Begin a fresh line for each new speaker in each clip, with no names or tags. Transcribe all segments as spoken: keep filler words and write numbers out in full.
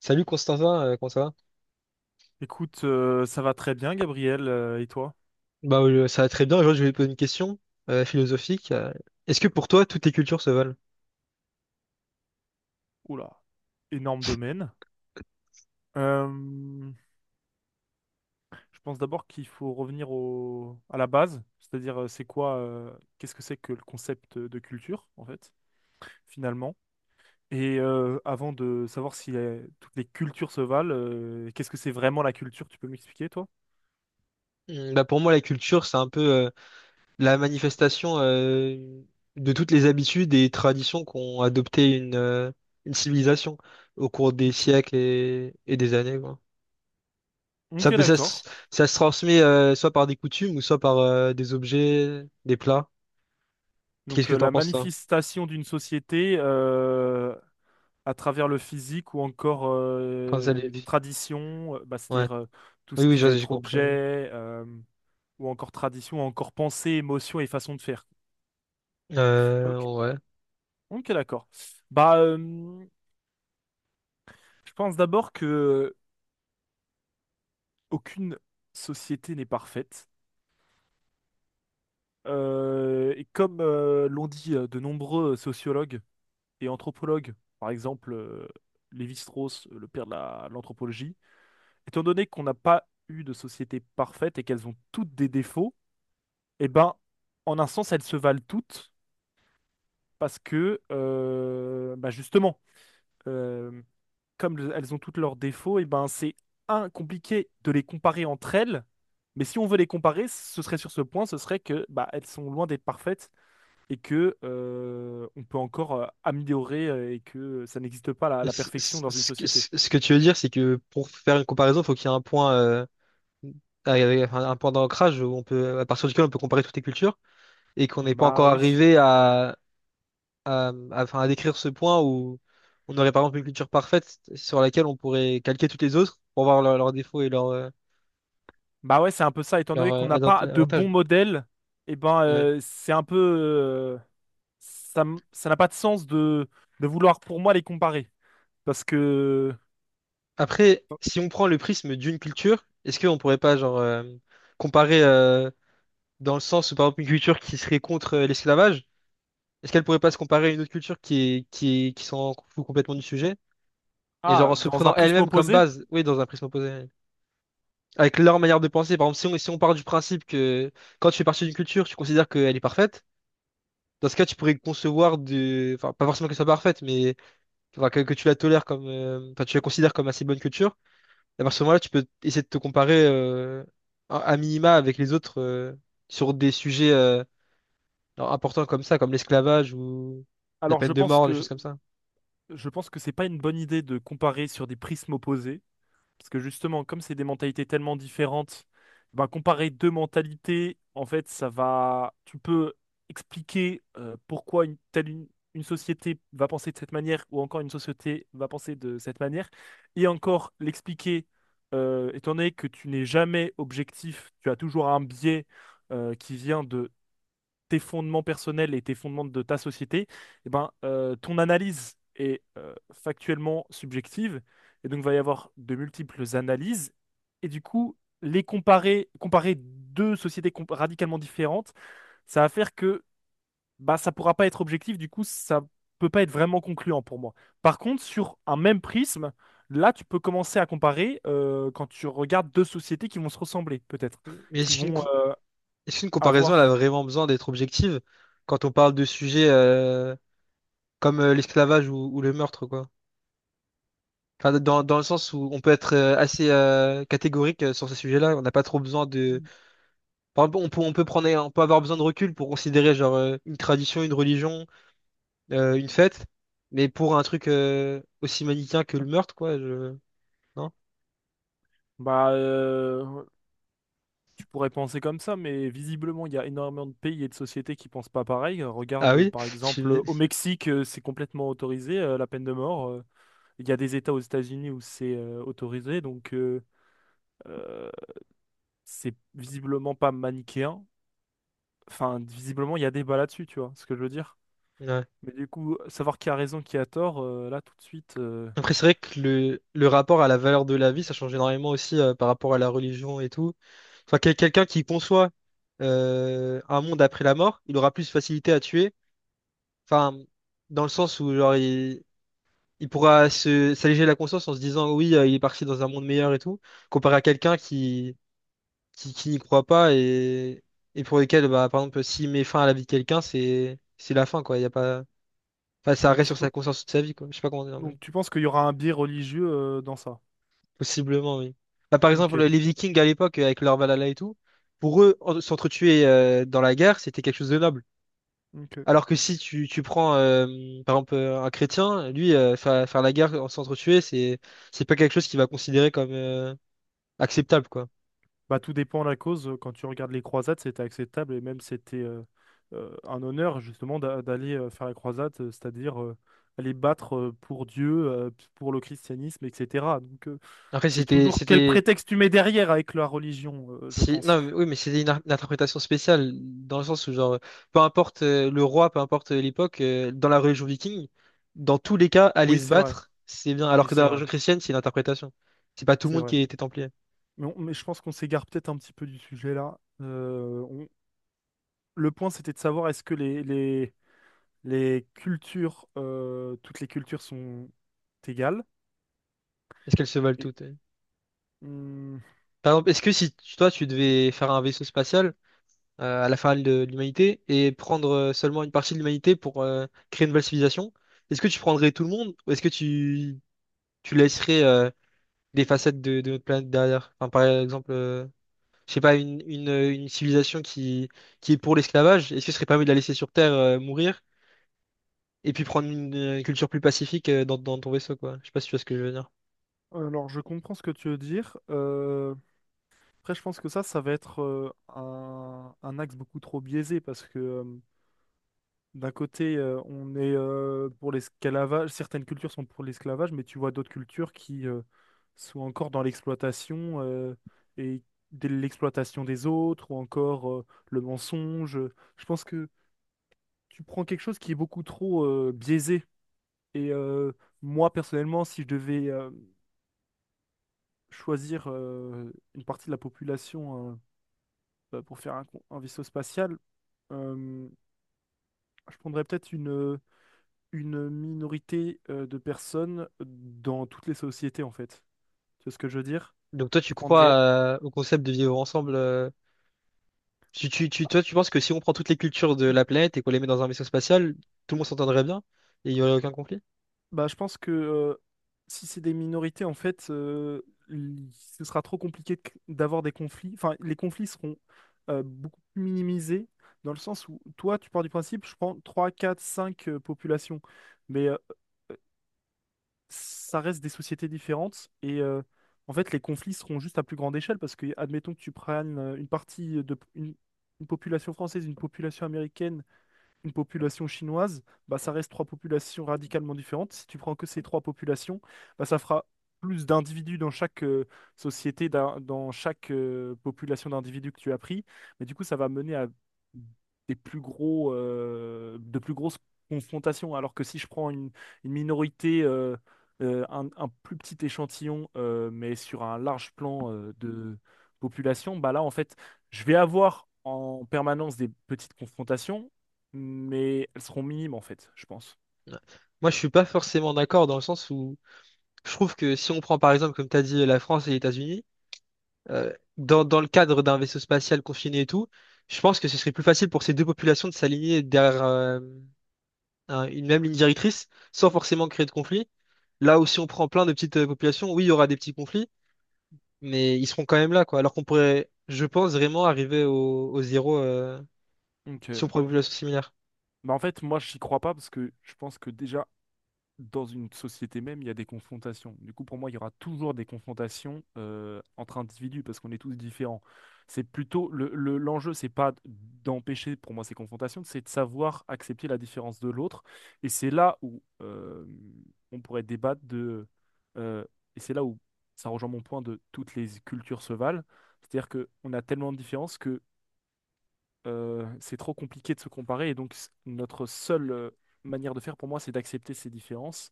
Salut Constantin, euh, comment ça va?
Écoute, euh, ça va très bien, Gabriel, euh, et toi?
Bah, euh, ça va très bien. Aujourd'hui, je vais te poser une question euh, philosophique. Euh, Est-ce que pour toi, toutes les cultures se valent?
Oula, énorme domaine. Euh, je pense d'abord qu'il faut revenir au, à la base, c'est-à-dire euh, c'est quoi, euh, qu'est-ce que c'est que le concept de culture, en fait, finalement. Et euh, avant de savoir si euh, toutes les cultures se valent, euh, qu'est-ce que c'est vraiment la culture? Tu peux m'expliquer, toi?
Hmm, Bah, pour moi, la culture, c'est un peu euh, la manifestation euh, de toutes les habitudes et traditions qu'ont adopté une, euh, une civilisation au cours des
Ok,
siècles et, et des années, quoi. Ça
ok,
peut, ça, se
d'accord.
ça se transmet euh, soit par des coutumes ou soit par euh, des objets, des plats. Qu'est-ce
Donc
que
euh,
t'en
la
penses, toi?
manifestation d'une société euh, à travers le physique ou encore
Quand ça
euh,
les...
les traditions, euh, bah,
Ouais.
c'est-à-dire euh, tout ce
Oui, oui,
qui va
j'ai j'ai
être
compris.
objet, euh, ou encore tradition, ou encore pensée, émotion et façon de faire. Ok,
Euh, ouais.
ok, d'accord. Bah, euh, je pense d'abord que aucune société n'est parfaite. Euh, et comme euh, l'ont dit euh, de nombreux sociologues et anthropologues, par exemple euh, Lévi-Strauss, le père de la- l'anthropologie, étant donné qu'on n'a pas eu de société parfaite et qu'elles ont toutes des défauts, eh ben, en un sens, elles se valent toutes parce que, euh, bah justement, euh, comme le- elles ont toutes leurs défauts, et ben, c'est un, compliqué de les comparer entre elles. Mais si on veut les comparer, ce serait sur ce point, ce serait que bah, elles sont loin d'être parfaites et que euh, on peut encore euh, améliorer euh, et que ça n'existe pas la, la
Ce
perfection dans une
ce- que
société.
ce- ce que tu veux dire, c'est que pour faire une comparaison, il faut qu'il y ait un point, euh, avec- enfin, un point d'ancrage où on peut, à partir duquel on peut comparer toutes les cultures et qu'on
Donc,
n'est pas
bah
encore
oui.
arrivé à, à, à- enfin, à décrire ce point où on aurait par exemple une culture parfaite sur laquelle on pourrait calquer toutes les autres pour voir leurs leurs défauts et leurs euh,
Bah ouais, c'est un peu ça. Étant
leurs,
donné qu'on
euh,
n'a
advan-
pas de
avantages.
bons modèles, et ben,
Ouais.
euh, c'est un peu... euh, ça m- Ça n'a pas de sens de, de vouloir pour moi les comparer. Parce que,
Après, si on prend le prisme d'une culture, est-ce qu'on pourrait pas genre euh, comparer euh, dans le sens où par exemple une culture qui serait contre euh, l'esclavage. Est-ce qu'elle pourrait pas se comparer à une autre culture qui est, qui est- qui s'en fout complètement du sujet? Et genre
ah,
en se
dans un
prenant
prisme
elle-même comme
opposé,
base, oui, dans un prisme opposé. Ouais. Avec leur manière de penser. Par exemple, si on, si on part du principe que quand tu fais partie d'une culture, tu considères qu'elle est parfaite, dans ce cas, tu pourrais concevoir de. Enfin, pas forcément qu'elle soit parfaite, mais enfin, que, que tu la tolères comme. euh, Enfin, tu la considères comme assez bonne culture. Et à ce moment-là, tu peux essayer de te comparer euh, à à minima avec les autres euh, sur des sujets euh, importants comme ça, comme l'esclavage ou la
alors je
peine de
pense
mort, des choses
que
comme ça.
je pense que c'est pas une bonne idée de comparer sur des prismes opposés. Parce que justement, comme c'est des mentalités tellement différentes, ben, comparer deux mentalités, en fait, ça va. Tu peux expliquer euh, pourquoi une telle une, une société va penser de cette manière ou encore une société va penser de cette manière, et encore l'expliquer. Euh, étant donné que tu n'es jamais objectif, tu as toujours un biais euh, qui vient de tes fondements personnels et tes fondements de ta société, eh ben, euh, ton analyse est euh, factuellement subjective. Et donc, il va y avoir de multiples analyses. Et du coup, les comparer, comparer deux sociétés comp- radicalement différentes, ça va faire que bah, ça pourra pas être objectif. Du coup, ça peut pas être vraiment concluant pour moi. Par contre, sur un même prisme, là, tu peux commencer à comparer euh, quand tu regardes deux sociétés qui vont se ressembler, peut-être,
Mais
qui
si une...
vont euh,
Est-ce qu'une comparaison, elle a
avoir.
vraiment besoin d'être objective quand on parle de sujets euh, comme euh, l'esclavage ou, ou le meurtre, quoi? Enfin, dans, dans le sens où on peut être euh, assez euh, catégorique euh, sur ces sujets-là, on n'a pas trop besoin de... Par exemple, on peut, on peut prendre, on peut avoir besoin de recul pour considérer genre euh, une tradition, une religion, euh, une fête, mais pour un truc euh, aussi manichéen que le meurtre, quoi, je... Non?
Bah, euh, tu pourrais penser comme ça, mais visiblement, il y a énormément de pays et de sociétés qui pensent pas pareil. Euh,
Ah
Regarde, euh,
oui?
par exemple,
Tu-
euh, au Mexique, euh, c'est complètement autorisé, euh, la peine de mort. Euh, Il y a des États aux États-Unis où c'est euh, autorisé, donc euh, euh, c'est visiblement pas manichéen. Enfin, visiblement, il y a débat là-dessus, tu vois ce que je veux dire.
Ouais.
Mais du coup, savoir qui a raison, qui a tort, euh, là, tout de suite. euh,
Après, c'est vrai que le, le rapport à la valeur de la vie, ça change énormément aussi euh, par rapport à la religion et tout. Enfin, quel- quelqu'un qui conçoit euh, un monde après la mort, il aura plus facilité à tuer. Enfin, dans le sens où genre il, il pourra se s'alléger la conscience en se disant oui, euh, il est parti dans un monde meilleur et tout, comparé à quelqu'un qui qui, qui n'y croit pas et et pour lequel bah par exemple s'il met fin à la vie de quelqu'un, c'est c'est la fin quoi. Il y a pas, enfin, ça
Donc
reste
tu,
sur
pe-
sa conscience toute sa vie quoi. Je sais pas comment dire.
Donc, tu penses qu'il y aura un biais religieux euh, dans ça?
Possiblement, oui. Bah, par exemple,
Ok,
les Vikings à l'époque, avec leur Valhalla et tout, pour eux, en- s'entretuer euh, dans la guerre, c'était quelque chose de noble.
ok.
Alors que si tu, tu prends, euh, par exemple, euh, un chrétien, lui, euh, faire, faire la guerre en s'entretuer, c'est, c'est pas quelque chose qu'il va considérer comme euh, acceptable, quoi.
Bah, tout dépend de la cause. Quand tu regardes les croisades, c'était acceptable et même c'était euh, euh, un honneur justement d'a- d'aller euh, faire la croisade, euh, c'est-à-dire euh, aller battre euh, pour Dieu, euh, pour le christianisme, et cetera. Donc euh,
Après,
c'est
c'était,
toujours quel
c'était...
prétexte tu mets derrière avec la religion, euh, je
Si,
pense.
non, mais- oui, mais c'est une, ar- une interprétation spéciale, dans le sens où, genre, peu importe euh, le roi, peu importe euh, l'époque, euh, dans la religion viking, dans tous les cas, aller
Oui,
se
c'est vrai.
battre, c'est bien. Alors
Oui,
que dans
c'est
la
vrai.
religion chrétienne, c'est une interprétation. C'est pas tout le
C'est
monde qui
vrai.
était templier.
Mais, on- mais je pense qu'on s'égare peut-être un petit peu du sujet là. Euh, on- Le point, c'était de savoir est-ce que les, les, les cultures, euh, toutes les cultures sont égales.
Est-ce qu'elles se valent
Et,
toutes? euh
hmm,
Par exemple, est-ce que si tu- toi, tu devais faire un vaisseau spatial euh, à la fin de l'humanité et prendre euh, seulement une partie de l'humanité pour euh, créer une nouvelle civilisation, est-ce que tu prendrais tout le monde ou est-ce que tu, tu laisserais euh, des facettes de, de notre planète derrière? Enfin, par exemple. euh, je sais pas, une, une, euh, une civilisation qui, qui est pour l'esclavage, est-ce que ce serait pas mieux de la laisser sur Terre euh, mourir et puis prendre une, euh, culture plus pacifique euh, dans, dans ton vaisseau, quoi? Je sais pas si tu vois ce que je veux dire.
alors, je comprends ce que tu veux dire. Euh, après, je pense que ça, ça va être euh, un, un axe beaucoup trop biaisé parce que euh, d'un côté, euh, on est euh, pour l'esclavage, certaines cultures sont pour l'esclavage, mais tu vois d'autres cultures qui euh, sont encore dans l'exploitation euh, et de l'exploitation des autres ou encore euh, le mensonge. Je pense que tu prends quelque chose qui est beaucoup trop euh, biaisé. Et euh, moi, personnellement, si je devais euh, choisir euh, une partie de la population euh, euh, pour faire un, con- un vaisseau spatial, euh, je prendrais peut-être une, une minorité euh, de personnes dans toutes les sociétés, en fait. Tu vois ce que je veux dire?
Donc toi,
Je
tu crois
prendrais...
euh, au concept de vivre ensemble euh, tu, tu, tu- toi, tu penses que si on prend toutes les cultures de la planète et qu'on les met dans un vaisseau spatial, tout le monde s'entendrait bien et il y aurait aucun conflit?
Bah, je pense que euh, si c'est des minorités, en fait, euh, l- ce sera trop compliqué de cr- d'avoir des conflits. Enfin, les conflits seront euh, beaucoup plus minimisés, dans le sens où toi, tu pars du principe, je prends trois quatre cinq euh, populations. Mais euh, ça reste des sociétés différentes et euh, en fait les conflits seront juste à plus grande échelle parce que admettons que tu prennes euh, une partie de une, une population française, une population américaine une population chinoise, bah, ça reste trois populations radicalement différentes. Si tu prends que ces trois populations, bah, ça fera plus d'individus dans chaque euh, société, d'un- dans chaque euh, population d'individus que tu as pris. Mais du coup, ça va mener à des plus gros, euh, de plus grosses confrontations. Alors que si je prends une, une minorité, euh, euh, un, un plus petit échantillon, euh, mais sur un large plan euh, de population, bah là, en fait, je vais avoir en permanence des petites confrontations, mais elles seront minimes en fait, je pense.
Ouais. Moi, je suis pas forcément d'accord dans le sens où je trouve que si on prend par exemple, comme tu as dit, la France et les États-Unis, euh, dans, dans le cadre d'un vaisseau spatial confiné et tout, je pense que ce serait plus facile pour ces deux populations de s'aligner derrière euh, un- une même ligne directrice sans forcément créer de conflit. Là aussi, on prend plein de petites euh, populations, oui, il y aura des petits conflits, mais ils seront quand même là, quoi. Alors qu'on pourrait, je pense, vraiment arriver au, au zéro euh,
Donc,
si
ouais,
on prend une population similaire.
bah en fait, moi, j'y crois pas parce que je pense que déjà, dans une société même, il y a des confrontations. Du coup, pour moi, il y aura toujours des confrontations euh, entre individus parce qu'on est tous différents. C'est plutôt le, le- l'enjeu, c'est pas d'empêcher pour moi ces confrontations, c'est de savoir accepter la différence de l'autre. Et c'est là où euh, on pourrait débattre de. euh, et c'est là où ça rejoint mon point de toutes les cultures se valent. C'est-à-dire qu'on a tellement de différences euh, c'est trop compliqué de se comparer. Et donc, s- notre seule euh, manière de faire pour moi, c'est d'accepter ces différences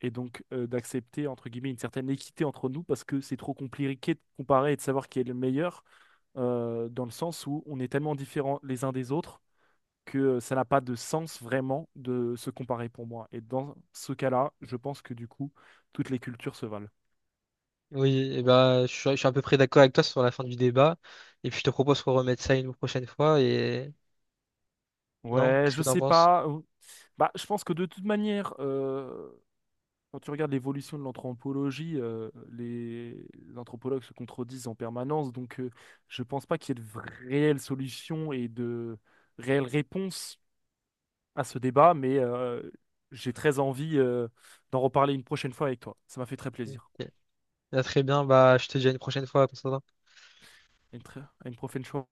et donc euh, d'accepter, entre guillemets, une certaine équité entre nous parce que c'est trop compliqué de comparer et de savoir qui est le meilleur euh, dans le sens où on est tellement différents les uns des autres que euh, ça n'a pas de sens vraiment de se comparer pour moi. Et dans ce cas-là, je pense que du coup, toutes les cultures se valent.
Oui, et bah, je suis, je suis à peu près d'accord avec toi sur la fin du débat. Et puis, je te propose qu'on remette ça une prochaine fois. Et non,
Ouais,
qu'est-ce que
je
t'en
sais
penses?
pas. euh, Bah, je pense que de toute manière, quand tu regardes l'évolution de l'anthropologie, euh, les anthropologues se contredisent en permanence, donc euh, je pense pas qu'il y ait de vra- réelles solutions et de réelles réponses à ce débat, mais euh, j'ai très envie euh, d'en reparler une prochaine fois avec toi. Ça m'a fait très
Ok.
plaisir.
Ah, très bien, bah, je te dis à une prochaine fois, Constantin.
Une très- à une prochaine fois.